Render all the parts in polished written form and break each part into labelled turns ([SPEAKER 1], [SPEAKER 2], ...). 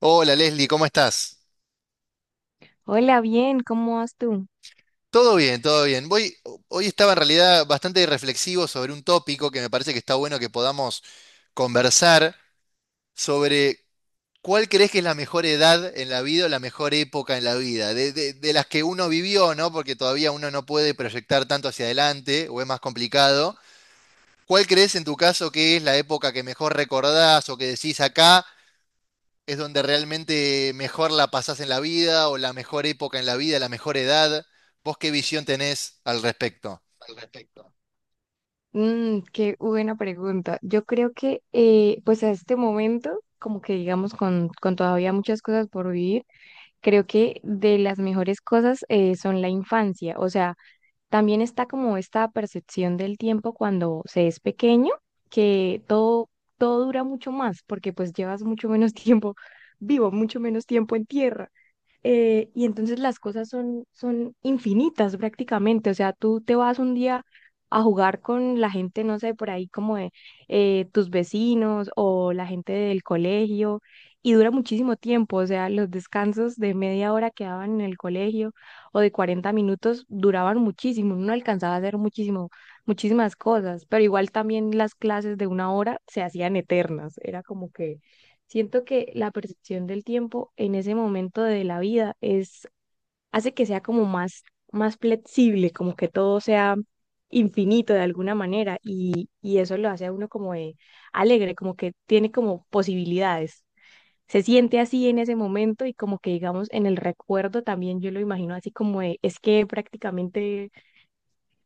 [SPEAKER 1] Hola Leslie, ¿cómo estás?
[SPEAKER 2] Hola, bien, ¿cómo vas tú?
[SPEAKER 1] Todo bien, todo bien. Hoy estaba en realidad bastante reflexivo sobre un tópico que me parece que está bueno que podamos conversar sobre cuál crees que es la mejor edad en la vida o la mejor época en la vida, de las que uno vivió, ¿no? Porque todavía uno no puede proyectar tanto hacia adelante o es más complicado. ¿Cuál crees en tu caso que es la época que mejor recordás o que decís acá? Es donde realmente mejor la pasás en la vida o la mejor época en la vida, la mejor edad. ¿Vos qué visión tenés al respecto?
[SPEAKER 2] Qué buena pregunta. Yo creo que, pues a este momento, como que digamos, con todavía muchas cosas por vivir, creo que de las mejores cosas son la infancia. O sea, también está como esta percepción del tiempo cuando se es pequeño, que todo, todo dura mucho más, porque pues llevas mucho menos tiempo vivo, mucho menos tiempo en tierra. Y entonces las cosas son infinitas prácticamente. O sea, tú te vas un día a jugar con la gente, no sé, por ahí como de tus vecinos o la gente del colegio y dura muchísimo tiempo. O sea, los descansos de media hora que daban en el colegio o de 40 minutos duraban muchísimo. Uno alcanzaba a hacer muchísimo, muchísimas cosas, pero igual también las clases de una hora se hacían eternas. Era como que siento que la percepción del tiempo en ese momento de la vida hace que sea como más flexible, como que todo sea infinito de alguna manera y eso lo hace a uno como de alegre, como que tiene como posibilidades. Se siente así en ese momento y como que digamos en el recuerdo también yo lo imagino así como de, es que prácticamente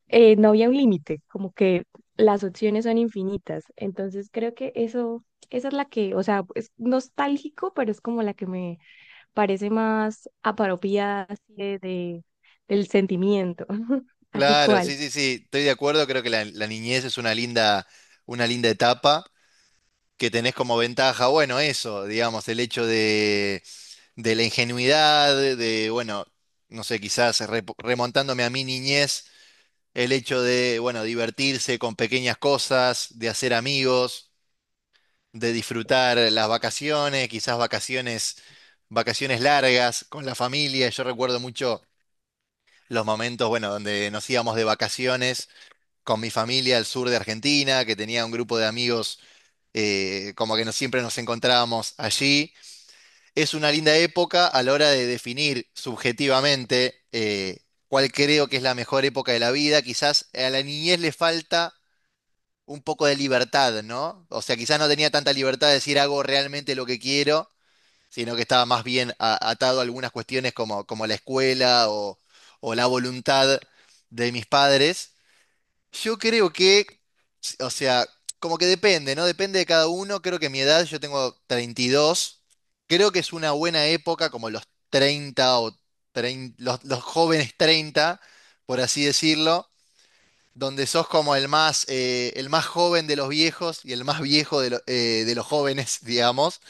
[SPEAKER 2] no había un límite, como que las opciones son infinitas. Entonces creo que eso, esa es la que, o sea, es nostálgico, pero es como la que me parece más apropiada así del sentimiento. ¿A ti
[SPEAKER 1] Claro, sí,
[SPEAKER 2] cuál?
[SPEAKER 1] sí, sí, estoy de acuerdo, creo que la niñez es una linda etapa que tenés como ventaja, bueno, eso, digamos, el hecho de la ingenuidad, de, bueno, no sé, quizás remontándome a mi niñez, el hecho de, bueno, divertirse con pequeñas cosas, de hacer amigos. De disfrutar las vacaciones, quizás vacaciones, vacaciones largas con la familia. Yo recuerdo mucho los momentos, bueno, donde nos íbamos de vacaciones con mi familia al sur de Argentina, que tenía un grupo de amigos, como que siempre nos encontrábamos allí. Es una linda época a la hora de definir subjetivamente cuál creo que es la mejor época de la vida. Quizás a la niñez le falta un poco de libertad, ¿no? O sea, quizás no tenía tanta libertad de decir hago realmente lo que quiero sino que estaba más bien atado a algunas cuestiones como, como la escuela o la voluntad de mis padres. Yo creo que, o sea, como que depende, ¿no? Depende de cada uno. Creo que mi edad, yo tengo 32, creo que es una buena época, como los 30 o 30 los jóvenes 30, por así decirlo. Donde sos como el más joven de los viejos y el más viejo de los jóvenes, digamos.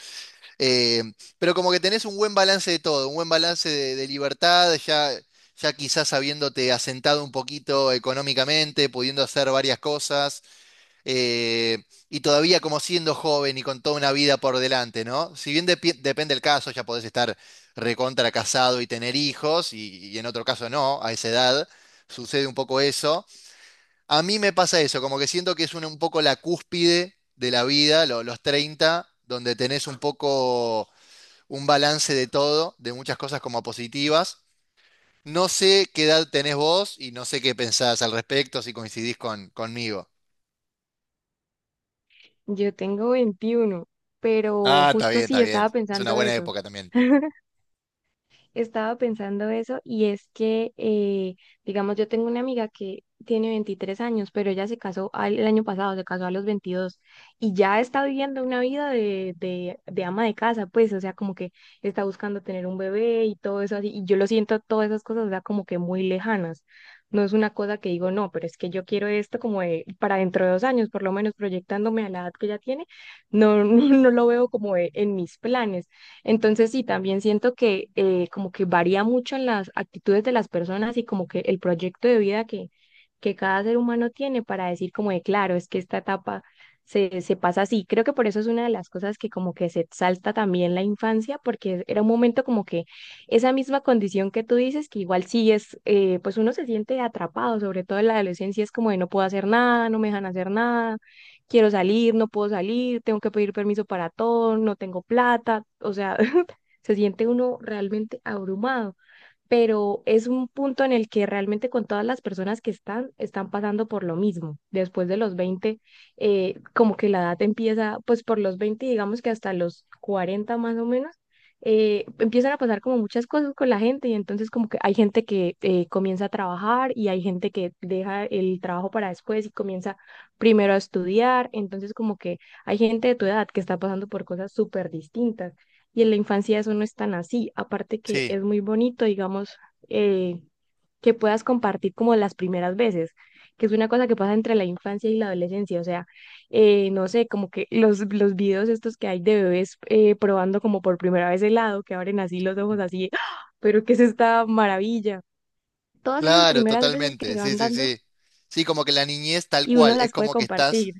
[SPEAKER 1] Eh, pero como que tenés un buen balance de todo, un buen balance de libertad, ya quizás habiéndote asentado un poquito económicamente, pudiendo hacer varias cosas, eh, y todavía como siendo joven y con toda una vida por delante, ¿no? Si bien depende el caso, ya podés estar recontra casado y tener hijos, y en otro caso no, a esa edad sucede un poco eso. A mí me pasa eso, como que siento que es un poco la cúspide de la vida, los 30 donde tenés un poco un balance de todo, de muchas cosas como positivas. No sé qué edad tenés vos y no sé qué pensás al respecto, si coincidís conmigo.
[SPEAKER 2] Yo tengo veintiuno, pero
[SPEAKER 1] Ah, está
[SPEAKER 2] justo
[SPEAKER 1] bien, está
[SPEAKER 2] sí
[SPEAKER 1] bien.
[SPEAKER 2] estaba
[SPEAKER 1] Es una
[SPEAKER 2] pensando
[SPEAKER 1] buena
[SPEAKER 2] eso.
[SPEAKER 1] época también.
[SPEAKER 2] Estaba pensando eso y es que, digamos, yo tengo una amiga que tiene 23 años, pero ella se casó al- el año pasado, se casó a los 22 y ya está viviendo una vida de ama de casa, pues, o sea, como que está buscando tener un bebé y todo eso así. Y yo lo siento, todas esas cosas, o sea, como que muy lejanas. No es una cosa que digo, no, pero es que yo quiero esto como de- para dentro de dos años, por lo menos proyectándome a la edad que ella tiene, no, no, lo veo como de- en mis planes. Entonces sí, también siento que como que varía mucho en las actitudes de las personas y como que el proyecto de vida que cada ser humano tiene para decir como de claro, es que esta etapa se pasa así. Creo que por eso es una de las cosas que como que se exalta también la infancia, porque era un momento como que esa misma condición que tú dices, que igual sí es, pues uno se siente atrapado, sobre todo en la adolescencia, es como de no puedo hacer nada, no me dejan hacer nada, quiero salir, no puedo salir, tengo que pedir permiso para todo, no tengo plata, o sea, se siente uno realmente abrumado, pero es un punto en el que realmente con todas las personas que están pasando por lo mismo. Después de los 20, como que la edad empieza, pues por los 20, digamos que hasta los 40 más o menos, empiezan a pasar como muchas cosas con la gente y entonces como que hay gente que comienza a trabajar y hay gente que deja el trabajo para después y comienza primero a estudiar, entonces como que hay gente de tu edad que está pasando por cosas súper distintas y en la infancia eso no es tan así. Aparte que
[SPEAKER 1] Sí,
[SPEAKER 2] es muy bonito, digamos, eh, que puedas compartir como las primeras veces, que es una cosa que pasa entre la infancia y la adolescencia. O sea, no sé, como que los videos estos que hay de bebés probando como por primera vez helado, que abren así los ojos así, ¡ah! Pero ¿qué es esta maravilla? Todas esas
[SPEAKER 1] claro,
[SPEAKER 2] primeras veces que
[SPEAKER 1] totalmente.
[SPEAKER 2] se
[SPEAKER 1] Sí,
[SPEAKER 2] van
[SPEAKER 1] sí,
[SPEAKER 2] dando
[SPEAKER 1] sí. Sí, como que la niñez tal
[SPEAKER 2] y uno
[SPEAKER 1] cual, es
[SPEAKER 2] las puede
[SPEAKER 1] como que estás...
[SPEAKER 2] compartir.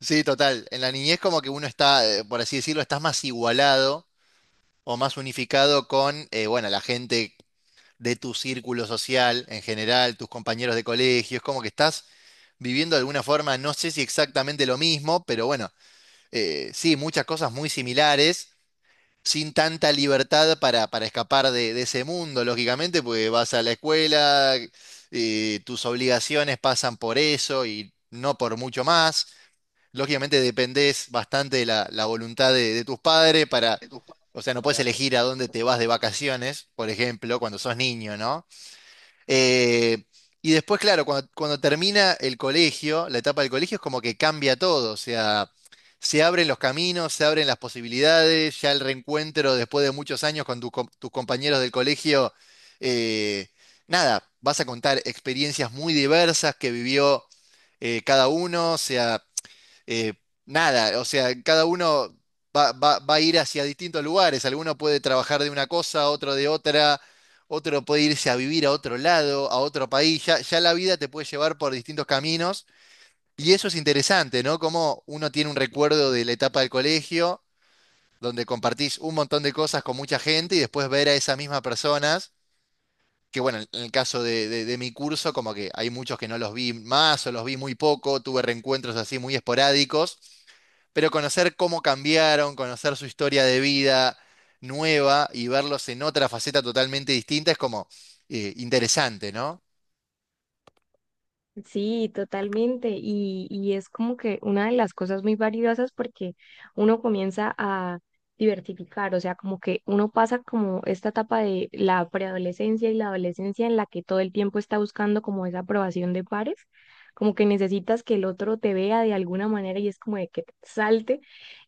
[SPEAKER 1] Sí, total. En la niñez como que uno está, por así decirlo, estás más igualado o más unificado con, bueno, la gente de tu círculo social en general, tus compañeros de colegio. Es como que estás viviendo de alguna forma, no sé si exactamente lo mismo, pero bueno, sí, muchas cosas muy similares, sin tanta libertad para escapar de ese mundo, lógicamente, porque vas a la escuela, tus obligaciones pasan por eso y no por mucho más. Lógicamente dependés bastante de la voluntad de tus padres para, o sea, no puedes elegir a dónde te vas de vacaciones, por ejemplo, cuando sos niño, ¿no? Eh, y después, claro, cuando termina el colegio, la etapa del colegio es como que cambia todo, o sea, se abren los caminos, se abren las posibilidades, ya el reencuentro después de muchos años con tus compañeros del colegio, eh, nada, vas a contar experiencias muy diversas que vivió cada uno, o sea eh, nada, o sea, cada uno va a ir hacia distintos lugares. Alguno puede trabajar de una cosa, otro de otra, otro puede irse a vivir a otro lado, a otro país. Ya la vida te puede llevar por distintos caminos. Y eso es interesante, ¿no? Como uno tiene un recuerdo de la etapa del colegio, donde compartís un montón de cosas con mucha gente y después ver a esas mismas personas. Que bueno, en el caso de de mi curso, como que hay muchos que no los vi más o los vi muy poco, tuve reencuentros así muy esporádicos. Pero conocer cómo cambiaron, conocer su historia de vida nueva y verlos en otra faceta totalmente distinta es como interesante, ¿no?
[SPEAKER 2] Sí, totalmente. Y es como que una de las cosas muy valiosas porque uno comienza a diversificar, o sea, como que uno pasa como esta etapa de la preadolescencia y la adolescencia en la que todo el tiempo está buscando como esa aprobación de pares, como que necesitas que el otro te vea de alguna manera y es como de que te salte,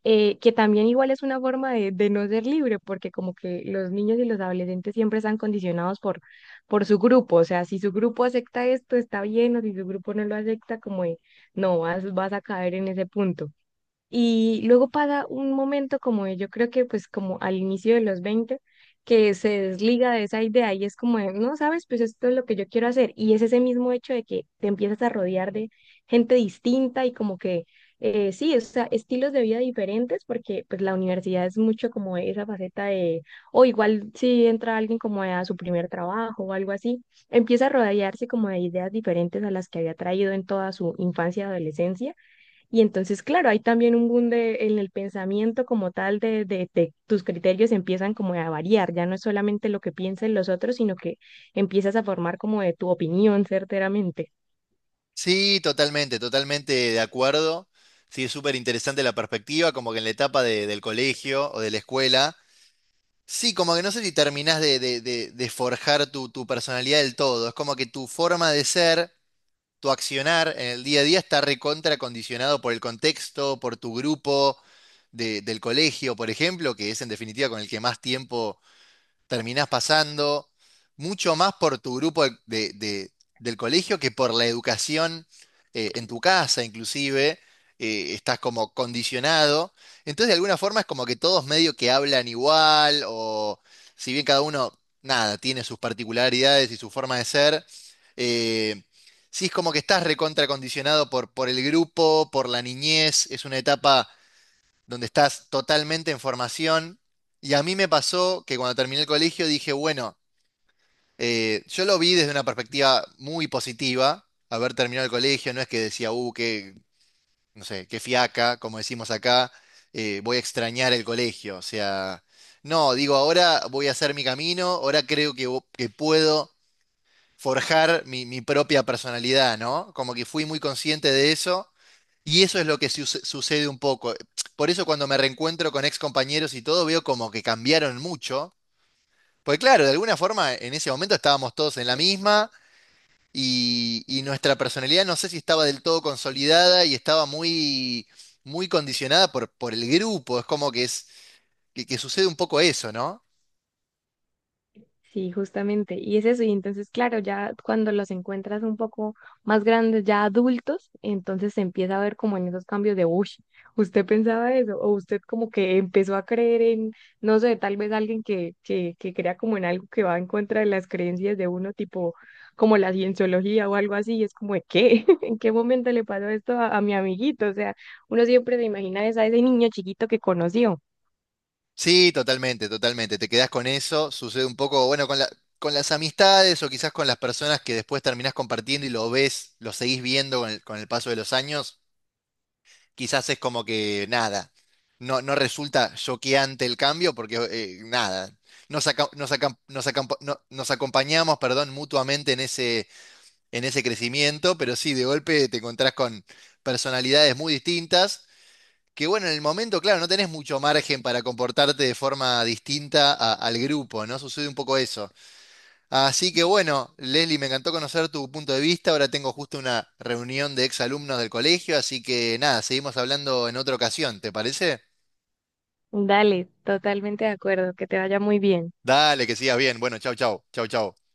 [SPEAKER 2] que también igual es una forma de no ser libre porque como que los niños y los adolescentes siempre están condicionados por su grupo, o sea, si su grupo acepta esto, está bien, o si su grupo no lo acepta, como de, no, vas a caer en ese punto. Y luego pasa un momento como de- yo creo que pues como al inicio de los 20 que se desliga de esa idea y es como de, no, sabes, pues esto es lo que yo quiero hacer. Y es ese mismo hecho de que te empiezas a rodear de gente distinta y como que, sí, o sea, estilos de vida diferentes, porque pues la universidad es mucho como esa faceta de, o igual si entra alguien como a su primer trabajo o algo así, empieza a rodearse como de ideas diferentes a las que había traído en toda su infancia y adolescencia, y entonces, claro, hay también un boom de- en el pensamiento como tal de tus criterios empiezan como a variar, ya no es solamente lo que piensan los otros, sino que empiezas a formar como de tu opinión certeramente.
[SPEAKER 1] Sí, totalmente, totalmente de acuerdo. Sí, es súper interesante la perspectiva, como que en la etapa del colegio o de la escuela. Sí, como que no sé si terminás de forjar tu, tu personalidad del todo. Es como que tu forma de ser tu accionar en el día a día está recontra condicionado por el contexto, por tu grupo del colegio, por ejemplo, que es en definitiva con el que más tiempo terminás pasando mucho más por tu grupo del colegio que por la educación en tu casa, inclusive, estás como condicionado. Entonces, de alguna forma es como que todos medio que hablan igual, o si bien cada uno, nada, tiene sus particularidades y su forma de ser, eh, sí es como que estás recontracondicionado por el grupo, por la niñez, es una etapa donde estás totalmente en formación. Y a mí me pasó que cuando terminé el colegio dije, bueno, yo lo vi desde una perspectiva muy positiva, haber terminado el colegio, no es que decía, qué, no sé, qué fiaca, como decimos acá, voy a extrañar el colegio. O sea, no, digo, ahora voy a hacer mi camino, ahora creo que, que puedo forjar mi, mi propia personalidad, ¿no? Como que fui muy consciente de eso. Y eso es lo que sucede un poco. Por eso cuando me reencuentro con ex compañeros y todo, veo como que cambiaron mucho. Porque claro, de alguna forma en ese momento estábamos todos en la misma y nuestra personalidad no sé si estaba del todo consolidada y estaba muy, muy condicionada por el grupo. Es como que sucede un poco eso, ¿no?
[SPEAKER 2] Sí, justamente. Y es eso. Y entonces, claro, ya cuando los encuentras un poco más grandes, ya adultos, entonces se empieza a ver como en esos cambios de, uy, usted pensaba eso, o usted como que empezó a creer en, no sé, tal vez alguien que crea como en algo que va en contra de las creencias de uno, tipo como la cienciología o algo así, y es como, ¿de qué? ¿En qué momento le pasó esto a mi amiguito? O sea, uno siempre se imagina esa- ese niño chiquito que conoció.
[SPEAKER 1] Sí, totalmente, totalmente. Te quedás con eso, sucede un poco, bueno, con con las amistades o quizás con las personas que después terminás compartiendo y lo ves, lo seguís viendo con el paso de los años. Quizás es como que nada, no resulta choqueante el cambio porque nada, nos, aca- nos, acam- nos acampa- no- nos acompañamos, perdón, mutuamente en ese crecimiento, pero sí, de golpe te encontrás con personalidades muy distintas. Que bueno, en el momento, claro, no tenés mucho margen para comportarte de forma distinta al grupo, ¿no? Sucede un poco eso. Así que bueno, Leslie, me encantó conocer tu punto de vista. Ahora tengo justo una reunión de exalumnos del colegio, así que nada, seguimos hablando en otra ocasión, ¿te parece?
[SPEAKER 2] Dale, totalmente de acuerdo, que te vaya muy bien.
[SPEAKER 1] Dale, que sigas bien. Bueno, chau, chau, chau, chau.